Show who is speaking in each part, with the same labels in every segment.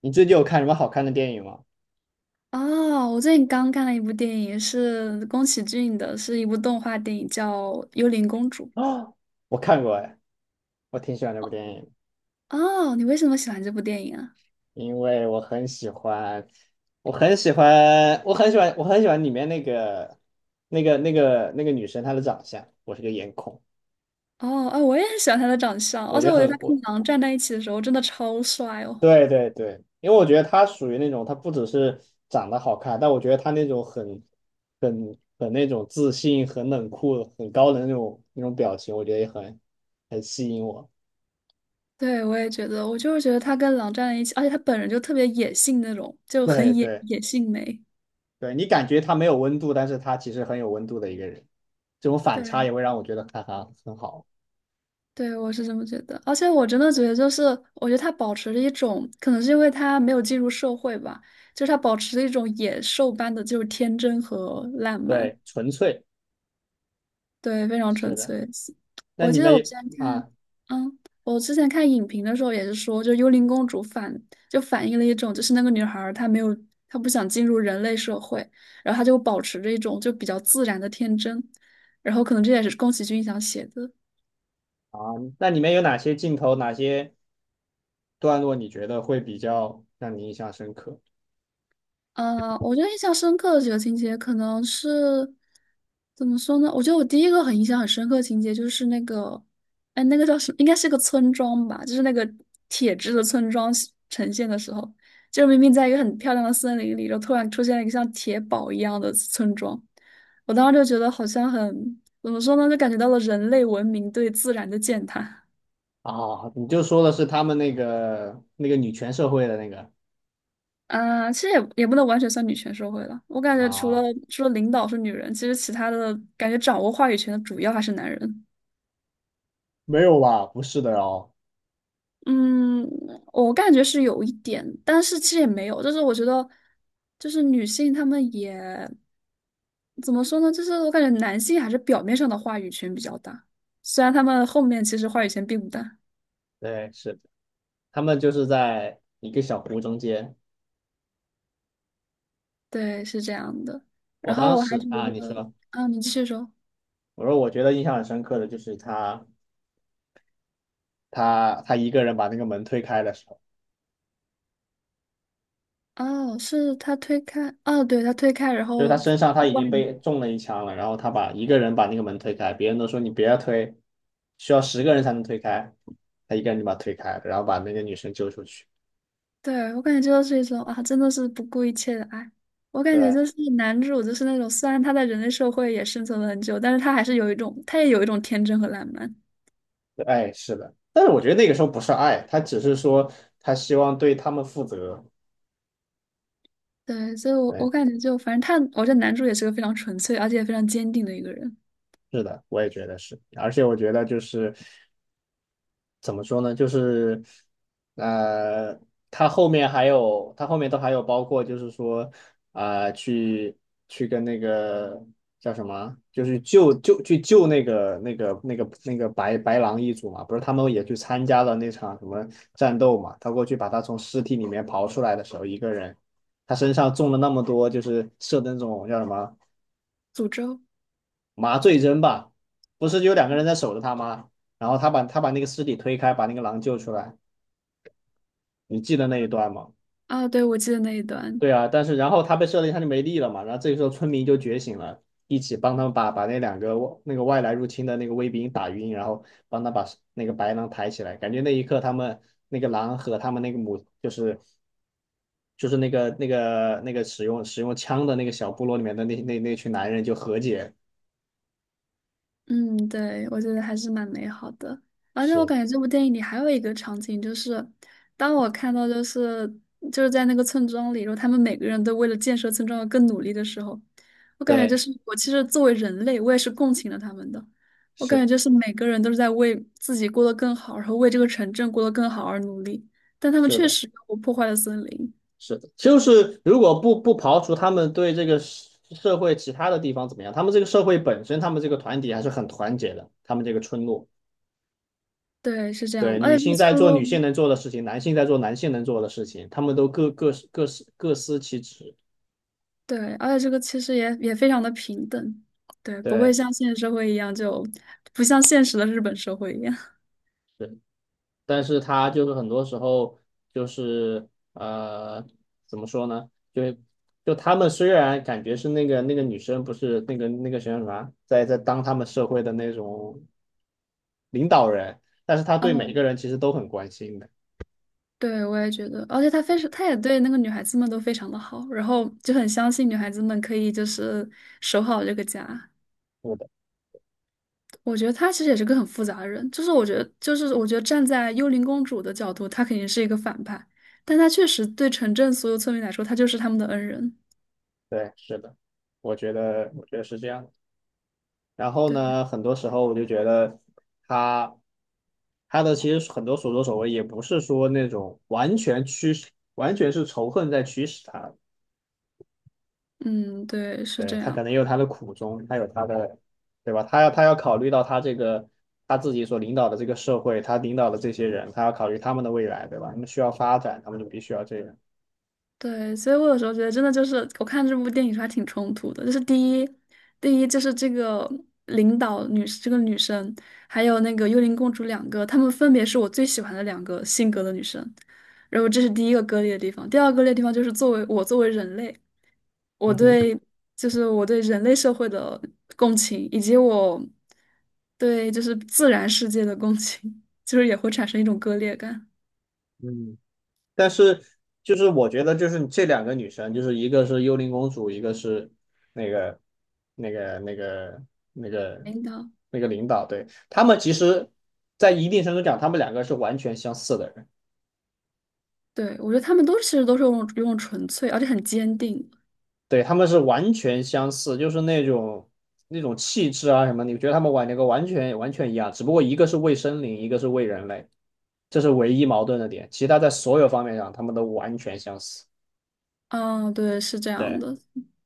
Speaker 1: 你最近有看什么好看的电影吗？
Speaker 2: 哦，我最近刚看了一部电影，是宫崎骏的，是一部动画电影，叫《幽灵公主》。
Speaker 1: 啊，我看过哎，我挺喜欢这部电影。
Speaker 2: 哦，你为什么喜欢这部电影啊？
Speaker 1: 因为我很喜欢里面那个女生她的长相，我是个颜控。
Speaker 2: 哦，啊，我也很喜欢他的长相，
Speaker 1: 我
Speaker 2: 而
Speaker 1: 觉
Speaker 2: 且
Speaker 1: 得
Speaker 2: 我觉得
Speaker 1: 很
Speaker 2: 他跟
Speaker 1: 我
Speaker 2: 狼站在一起的时候真的超帅哦。
Speaker 1: 对对对，因为我觉得她属于那种，她不只是长得好看，但我觉得她那种很那种自信、很冷酷、很高冷的那种表情，我觉得也很吸引我。
Speaker 2: 对，我也觉得，我就是觉得他跟狼站在一起，而且他本人就特别野性那种，就
Speaker 1: 对
Speaker 2: 很野
Speaker 1: 对。
Speaker 2: 野性美。
Speaker 1: 对，你感觉他没有温度，但是他其实很有温度的一个人，这种反差
Speaker 2: 对，
Speaker 1: 也会让我觉得，哈哈，很好。
Speaker 2: 对，我是这么觉得，而且我
Speaker 1: 对
Speaker 2: 真的觉得，就是我觉得他保持着一种，可能是因为他没有进入社会吧，就是他保持着一种野兽般的就是天真和烂漫，
Speaker 1: 对，纯粹，
Speaker 2: 对，非常纯
Speaker 1: 是的。
Speaker 2: 粹。
Speaker 1: 那
Speaker 2: 我
Speaker 1: 里
Speaker 2: 记得
Speaker 1: 面
Speaker 2: 我之
Speaker 1: 有
Speaker 2: 前看，
Speaker 1: 啊
Speaker 2: 我之前看影评的时候也是说，就幽灵公主就反映了一种，就是那个女孩儿她没有，她不想进入人类社会，然后她就保持着一种就比较自然的天真，然后可能这也是宫崎骏想写的。
Speaker 1: 啊，那里面有哪些镜头、哪些段落你觉得会比较让你印象深刻
Speaker 2: 我觉得印象深刻的几个情节，可能是怎么说呢？我觉得我第一个很印象很深刻的情节就是那个，哎，那个叫什么？应该是个村庄吧，就是那个铁质的村庄是呈现的时候，就明明在一个很漂亮的森林里，就突然出现了一个像铁堡一样的村庄，我当时就觉得好像很，怎么说呢？就感觉到了人类文明对自然的践踏。
Speaker 1: 啊？你就说的是他们那个女权社会的那个
Speaker 2: 啊，其实也不能完全算女权社会了。我感觉除了
Speaker 1: 啊？
Speaker 2: 除了领导是女人，其实其他的感觉掌握话语权的主要还是男人。
Speaker 1: 没有吧？不是的哦。
Speaker 2: 嗯，我感觉是有一点，但是其实也没有，就是我觉得，就是女性她们也怎么说呢？就是我感觉男性还是表面上的话语权比较大，虽然他们后面其实话语权并不大。
Speaker 1: 对，是的，他们就是在一个小湖中间。
Speaker 2: 对，是这样的。
Speaker 1: 我
Speaker 2: 然后
Speaker 1: 当
Speaker 2: 我还
Speaker 1: 时
Speaker 2: 觉
Speaker 1: 啊，你
Speaker 2: 得，
Speaker 1: 说，
Speaker 2: 啊，你继续说。
Speaker 1: 我说我觉得印象很深刻的就是他。一个人把那个门推开的时候，
Speaker 2: 哦，是他推开，哦，对，他推开，然
Speaker 1: 就是
Speaker 2: 后
Speaker 1: 他
Speaker 2: 去
Speaker 1: 身上他已
Speaker 2: 外
Speaker 1: 经被
Speaker 2: 面。
Speaker 1: 中了一枪了，然后他一个人把那个门推开，别人都说你别要推，需要十个人才能推开，他一个人就把它推开了，然后把那个女生救出去。
Speaker 2: 对，我感觉这就是一种啊，真的是不顾一切的爱。我感觉
Speaker 1: 对，
Speaker 2: 就是男主，就是那种虽然他在人类社会也生存了很久，但是他还是有一种，他也有一种天真和浪漫。
Speaker 1: 哎，是的，但是我觉得那个时候不是爱，他只是说他希望对他们负责。
Speaker 2: 对，所以我
Speaker 1: 对，
Speaker 2: 感觉就反正他，我觉得男主也是个非常纯粹而且也非常坚定的一个人。
Speaker 1: 是的，我也觉得是。而且我觉得就是怎么说呢？呃，他后面还有，他后面都还有，包括就是说，啊、去跟那个叫什么，就是救那个白狼一族嘛。不是他们也去参加了那场什么战斗嘛？他过去把他从尸体里面刨出来的时候，一个人，他身上中了那么多，就是射的那种，叫什么
Speaker 2: 诅咒
Speaker 1: 麻醉针吧？不是有两个人在守着他吗？然后他把那个尸体推开，把那个狼救出来，你记得那一段吗？
Speaker 2: 啊，对，我记得那一段。
Speaker 1: 对啊，但是然后他被设一他就没力了嘛。然后这个时候村民就觉醒了，一起帮他们把那两个那个外来入侵的那个卫兵打晕，然后帮他把那个白狼抬起来。感觉那一刻，他们那个狼和他们那个母就是那个使用枪的那个小部落里面的那群男人就和解。
Speaker 2: 嗯，对，我觉得还是蛮美好的。而且我
Speaker 1: 是，
Speaker 2: 感觉这部电影里还有一个场景，就是当我看到就是在那个村庄里，然后他们每个人都为了建设村庄而更努力的时候，我感觉就
Speaker 1: 对，
Speaker 2: 是我其实作为人类，我也是共情了他们的。我感觉
Speaker 1: 是
Speaker 2: 就是每个人都是在为自己过得更好，然后为这个城镇过得更好而努力，但他们
Speaker 1: 是
Speaker 2: 确
Speaker 1: 的。
Speaker 2: 实我破坏了森林。
Speaker 1: 是的，就是如果不刨除他们对这个社会其他的地方怎么样，他们这个社会本身，他们这个团体还是很团结的。他们这个村落，
Speaker 2: 对，是这样
Speaker 1: 对，
Speaker 2: 的，
Speaker 1: 女
Speaker 2: 而且这个
Speaker 1: 性在
Speaker 2: 村
Speaker 1: 做
Speaker 2: 落。
Speaker 1: 女性能做的事情，男性在做男性能做的事情，他们都各司其职。
Speaker 2: 对，而且这个其实也非常的平等，对，不会
Speaker 1: 对，
Speaker 2: 像现实社会一样就，不像现实的日本社会一样。
Speaker 1: 是。但是他就是很多时候就是，呃，怎么说呢？就是他们虽然感觉是那个女生，不是那个谁啥，在当他们社会的那种领导人，但是他对每
Speaker 2: 嗯，
Speaker 1: 个人其实都很关心的。
Speaker 2: 对，我也觉得，而且他非常，他也对那个女孩子们都非常的好，然后就很相信女孩子们可以就是守好这个家。
Speaker 1: 是的，
Speaker 2: 我觉得他其实也是个很复杂的人，就是我觉得，就是我觉得站在幽灵公主的角度，她肯定是一个反派，但她确实对城镇所有村民来说，她就是他们的恩人。
Speaker 1: 对，是的，我觉得，是这样的。然后
Speaker 2: 对，
Speaker 1: 呢，很多时候我就觉得，他他其实很多所作所为也不是说那种完全驱使，完全是仇恨在驱使他。
Speaker 2: 嗯，对，是这
Speaker 1: 对，他可
Speaker 2: 样。
Speaker 1: 能也有他的苦衷，他有他的，对吧？他要考虑到他这个他自己所领导的这个社会，他领导的这些人，他要考虑他们的未来，对吧？他们需要发展，他们就必须要这样。
Speaker 2: 对，所以我有时候觉得，真的就是我看这部电影时候还挺冲突的。就是第一，第一就是这个领导女，这个女生，还有那个幽灵公主两个，她们分别是我最喜欢的两个性格的女生。然后这是第一个割裂的地方。第二个割裂的地方就是作为我作为人类，我
Speaker 1: 嗯哼。
Speaker 2: 对我对人类社会的共情，以及我对就是自然世界的共情，就是也会产生一种割裂感。
Speaker 1: 嗯，但是就是我觉得就是，这两个女生，就是一个是幽灵公主，一个是那个那个那个那个
Speaker 2: 领导。
Speaker 1: 那个领导，对。他们其实，在一定程度讲，他们两个是完全相似的人。
Speaker 2: 对，我觉得他们都其实都是用纯粹，而且很坚定。
Speaker 1: 对，他们是完全相似，就是那种，气质啊什么，你觉得他们玩那个完全一样。只不过一个是为森林，一个是为人类，这是唯一矛盾的点。其他在所有方面上，他们都完全相似。
Speaker 2: 嗯，对，是这样
Speaker 1: 对，
Speaker 2: 的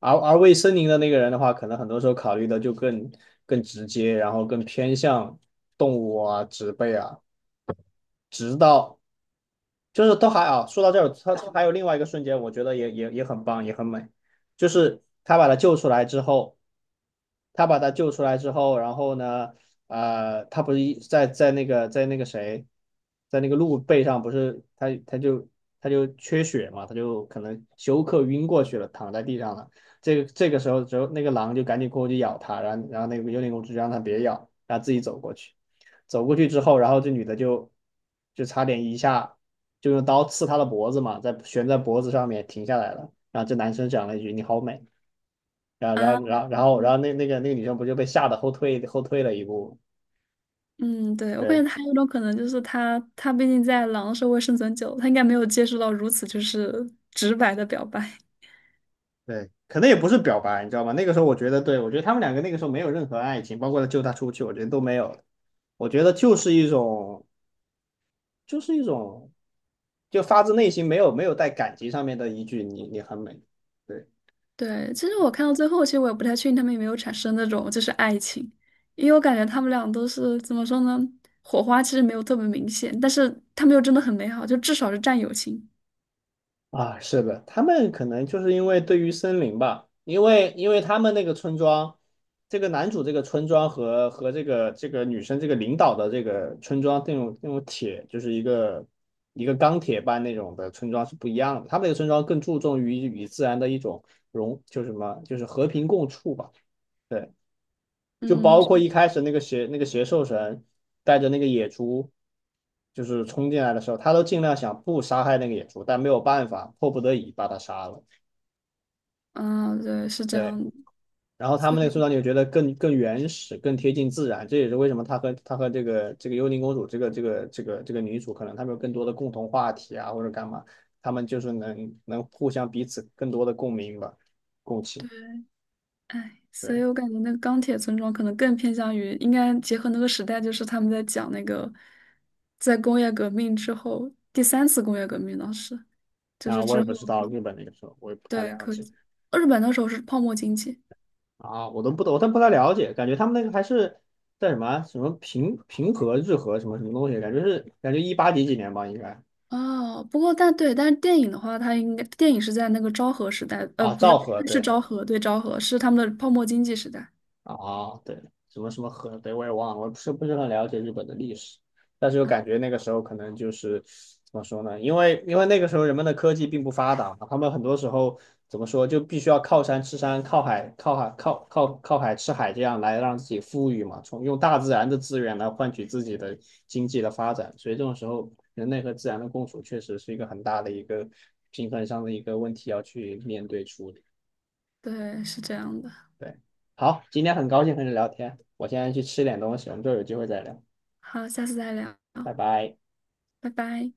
Speaker 1: 而为森林的那个人的话，可能很多时候考虑的就更直接，然后更偏向动物啊、植被啊，直到就是都还啊。说到这儿，他还有另外一个瞬间，我觉得也很棒，也很美。就是他把他救出来之后，然后呢，他不是在在那个在那个谁，在那个鹿背上？不是他就就缺血嘛，他就可能休克晕过去了，躺在地上了。这个时候，之后那个狼就赶紧过去咬他，然后，那个幽灵公主就让他别咬，然后自己走过去。走过去之后，然后这女的就，就差点一下就用刀刺他的脖子嘛，在悬在脖子上面停下来了。然后这男生讲了一句："你好美。"然后
Speaker 2: 啊，对，
Speaker 1: 那个女生不就被吓得后退了一步？
Speaker 2: 嗯，对，我
Speaker 1: 对，
Speaker 2: 感觉还有一种可能就是他，他毕竟在狼社会生存久了，他应该没有接触到如此就是直白的表白。
Speaker 1: 对，可能也不是表白。你知道吗？那个时候我觉得，对，我觉得他们两个那个时候没有任何爱情，包括他救她出去，我觉得都没有。我觉得就是一种，就是一种，就发自内心，没有带感情上面的一句，你很美。对。
Speaker 2: 对，其实我看到最后，其实我也不太确定他们有没有产生那种就是爱情，因为我感觉他们俩都是怎么说呢，火花其实没有特别明显，但是他们又真的很美好，就至少是战友情。
Speaker 1: 啊，是的，他们可能就是因为对于森林吧。因为他们那个村庄，这个男主这个村庄，和这个女生这个领导的这个村庄那种铁，就是一个钢铁般那种的村庄是不一样的。他们那个村庄更注重于与自然的一种融，就是什么，就是和平共处吧。对。就
Speaker 2: 嗯，
Speaker 1: 包
Speaker 2: 就
Speaker 1: 括一开始那个邪兽神带着那个野猪，就是冲进来的时候，他都尽量想不杀害那个野猪，但没有办法，迫不得已把他杀了。
Speaker 2: 啊，对，是这
Speaker 1: 对，
Speaker 2: 样的，
Speaker 1: 然后他
Speaker 2: 所以
Speaker 1: 们那个村长就觉得更原始，更贴近自然。这也是为什么他和这个幽灵公主这个女主可能他们有更多的共同话题啊，或者干嘛，他们就是能互相彼此更多的共鸣吧，共情。
Speaker 2: 对。哎，所以
Speaker 1: 对，
Speaker 2: 我感觉那个钢铁村庄可能更偏向于，应该结合那个时代，就是他们在讲那个，在工业革命之后，第三次工业革命当时，就
Speaker 1: 那
Speaker 2: 是
Speaker 1: 我也
Speaker 2: 之后，
Speaker 1: 不知道日本那个时候，我也不太
Speaker 2: 对，
Speaker 1: 了
Speaker 2: 可
Speaker 1: 解。
Speaker 2: 以。日本那时候是泡沫经济。
Speaker 1: 啊，我都不懂，我都不太了解，感觉他们那个还是在什么啊什么，平和日和什么什么东西，感觉是感觉一八几几年吧，应该。
Speaker 2: 哦，不过但对，但是电影的话，它应该电影是在那个昭和时代，
Speaker 1: 啊，
Speaker 2: 不
Speaker 1: 昭
Speaker 2: 是，
Speaker 1: 和，
Speaker 2: 是
Speaker 1: 对。
Speaker 2: 昭和，对，昭和是他们的泡沫经济时代
Speaker 1: 啊，对，什么什么河，对，我也忘了，我不是很了解日本的历史，但是又
Speaker 2: 啊，
Speaker 1: 感觉那个时候可能就是怎么说呢？因为那个时候人们的科技并不发达嘛，他们很多时候怎么说，就必须要靠山吃山，靠海吃海，这样来让自己富裕嘛，从用大自然的资源来换取自己的经济的发展。所以这种时候，人类和自然的共处确实是一个很大的一个平衡上的一个问题要去面对处理。
Speaker 2: 对，是这样的。
Speaker 1: 对，好，今天很高兴和你聊天，我现在去吃点东西，我们之后有机会再聊，
Speaker 2: 好，下次再聊，
Speaker 1: 拜拜。
Speaker 2: 拜拜。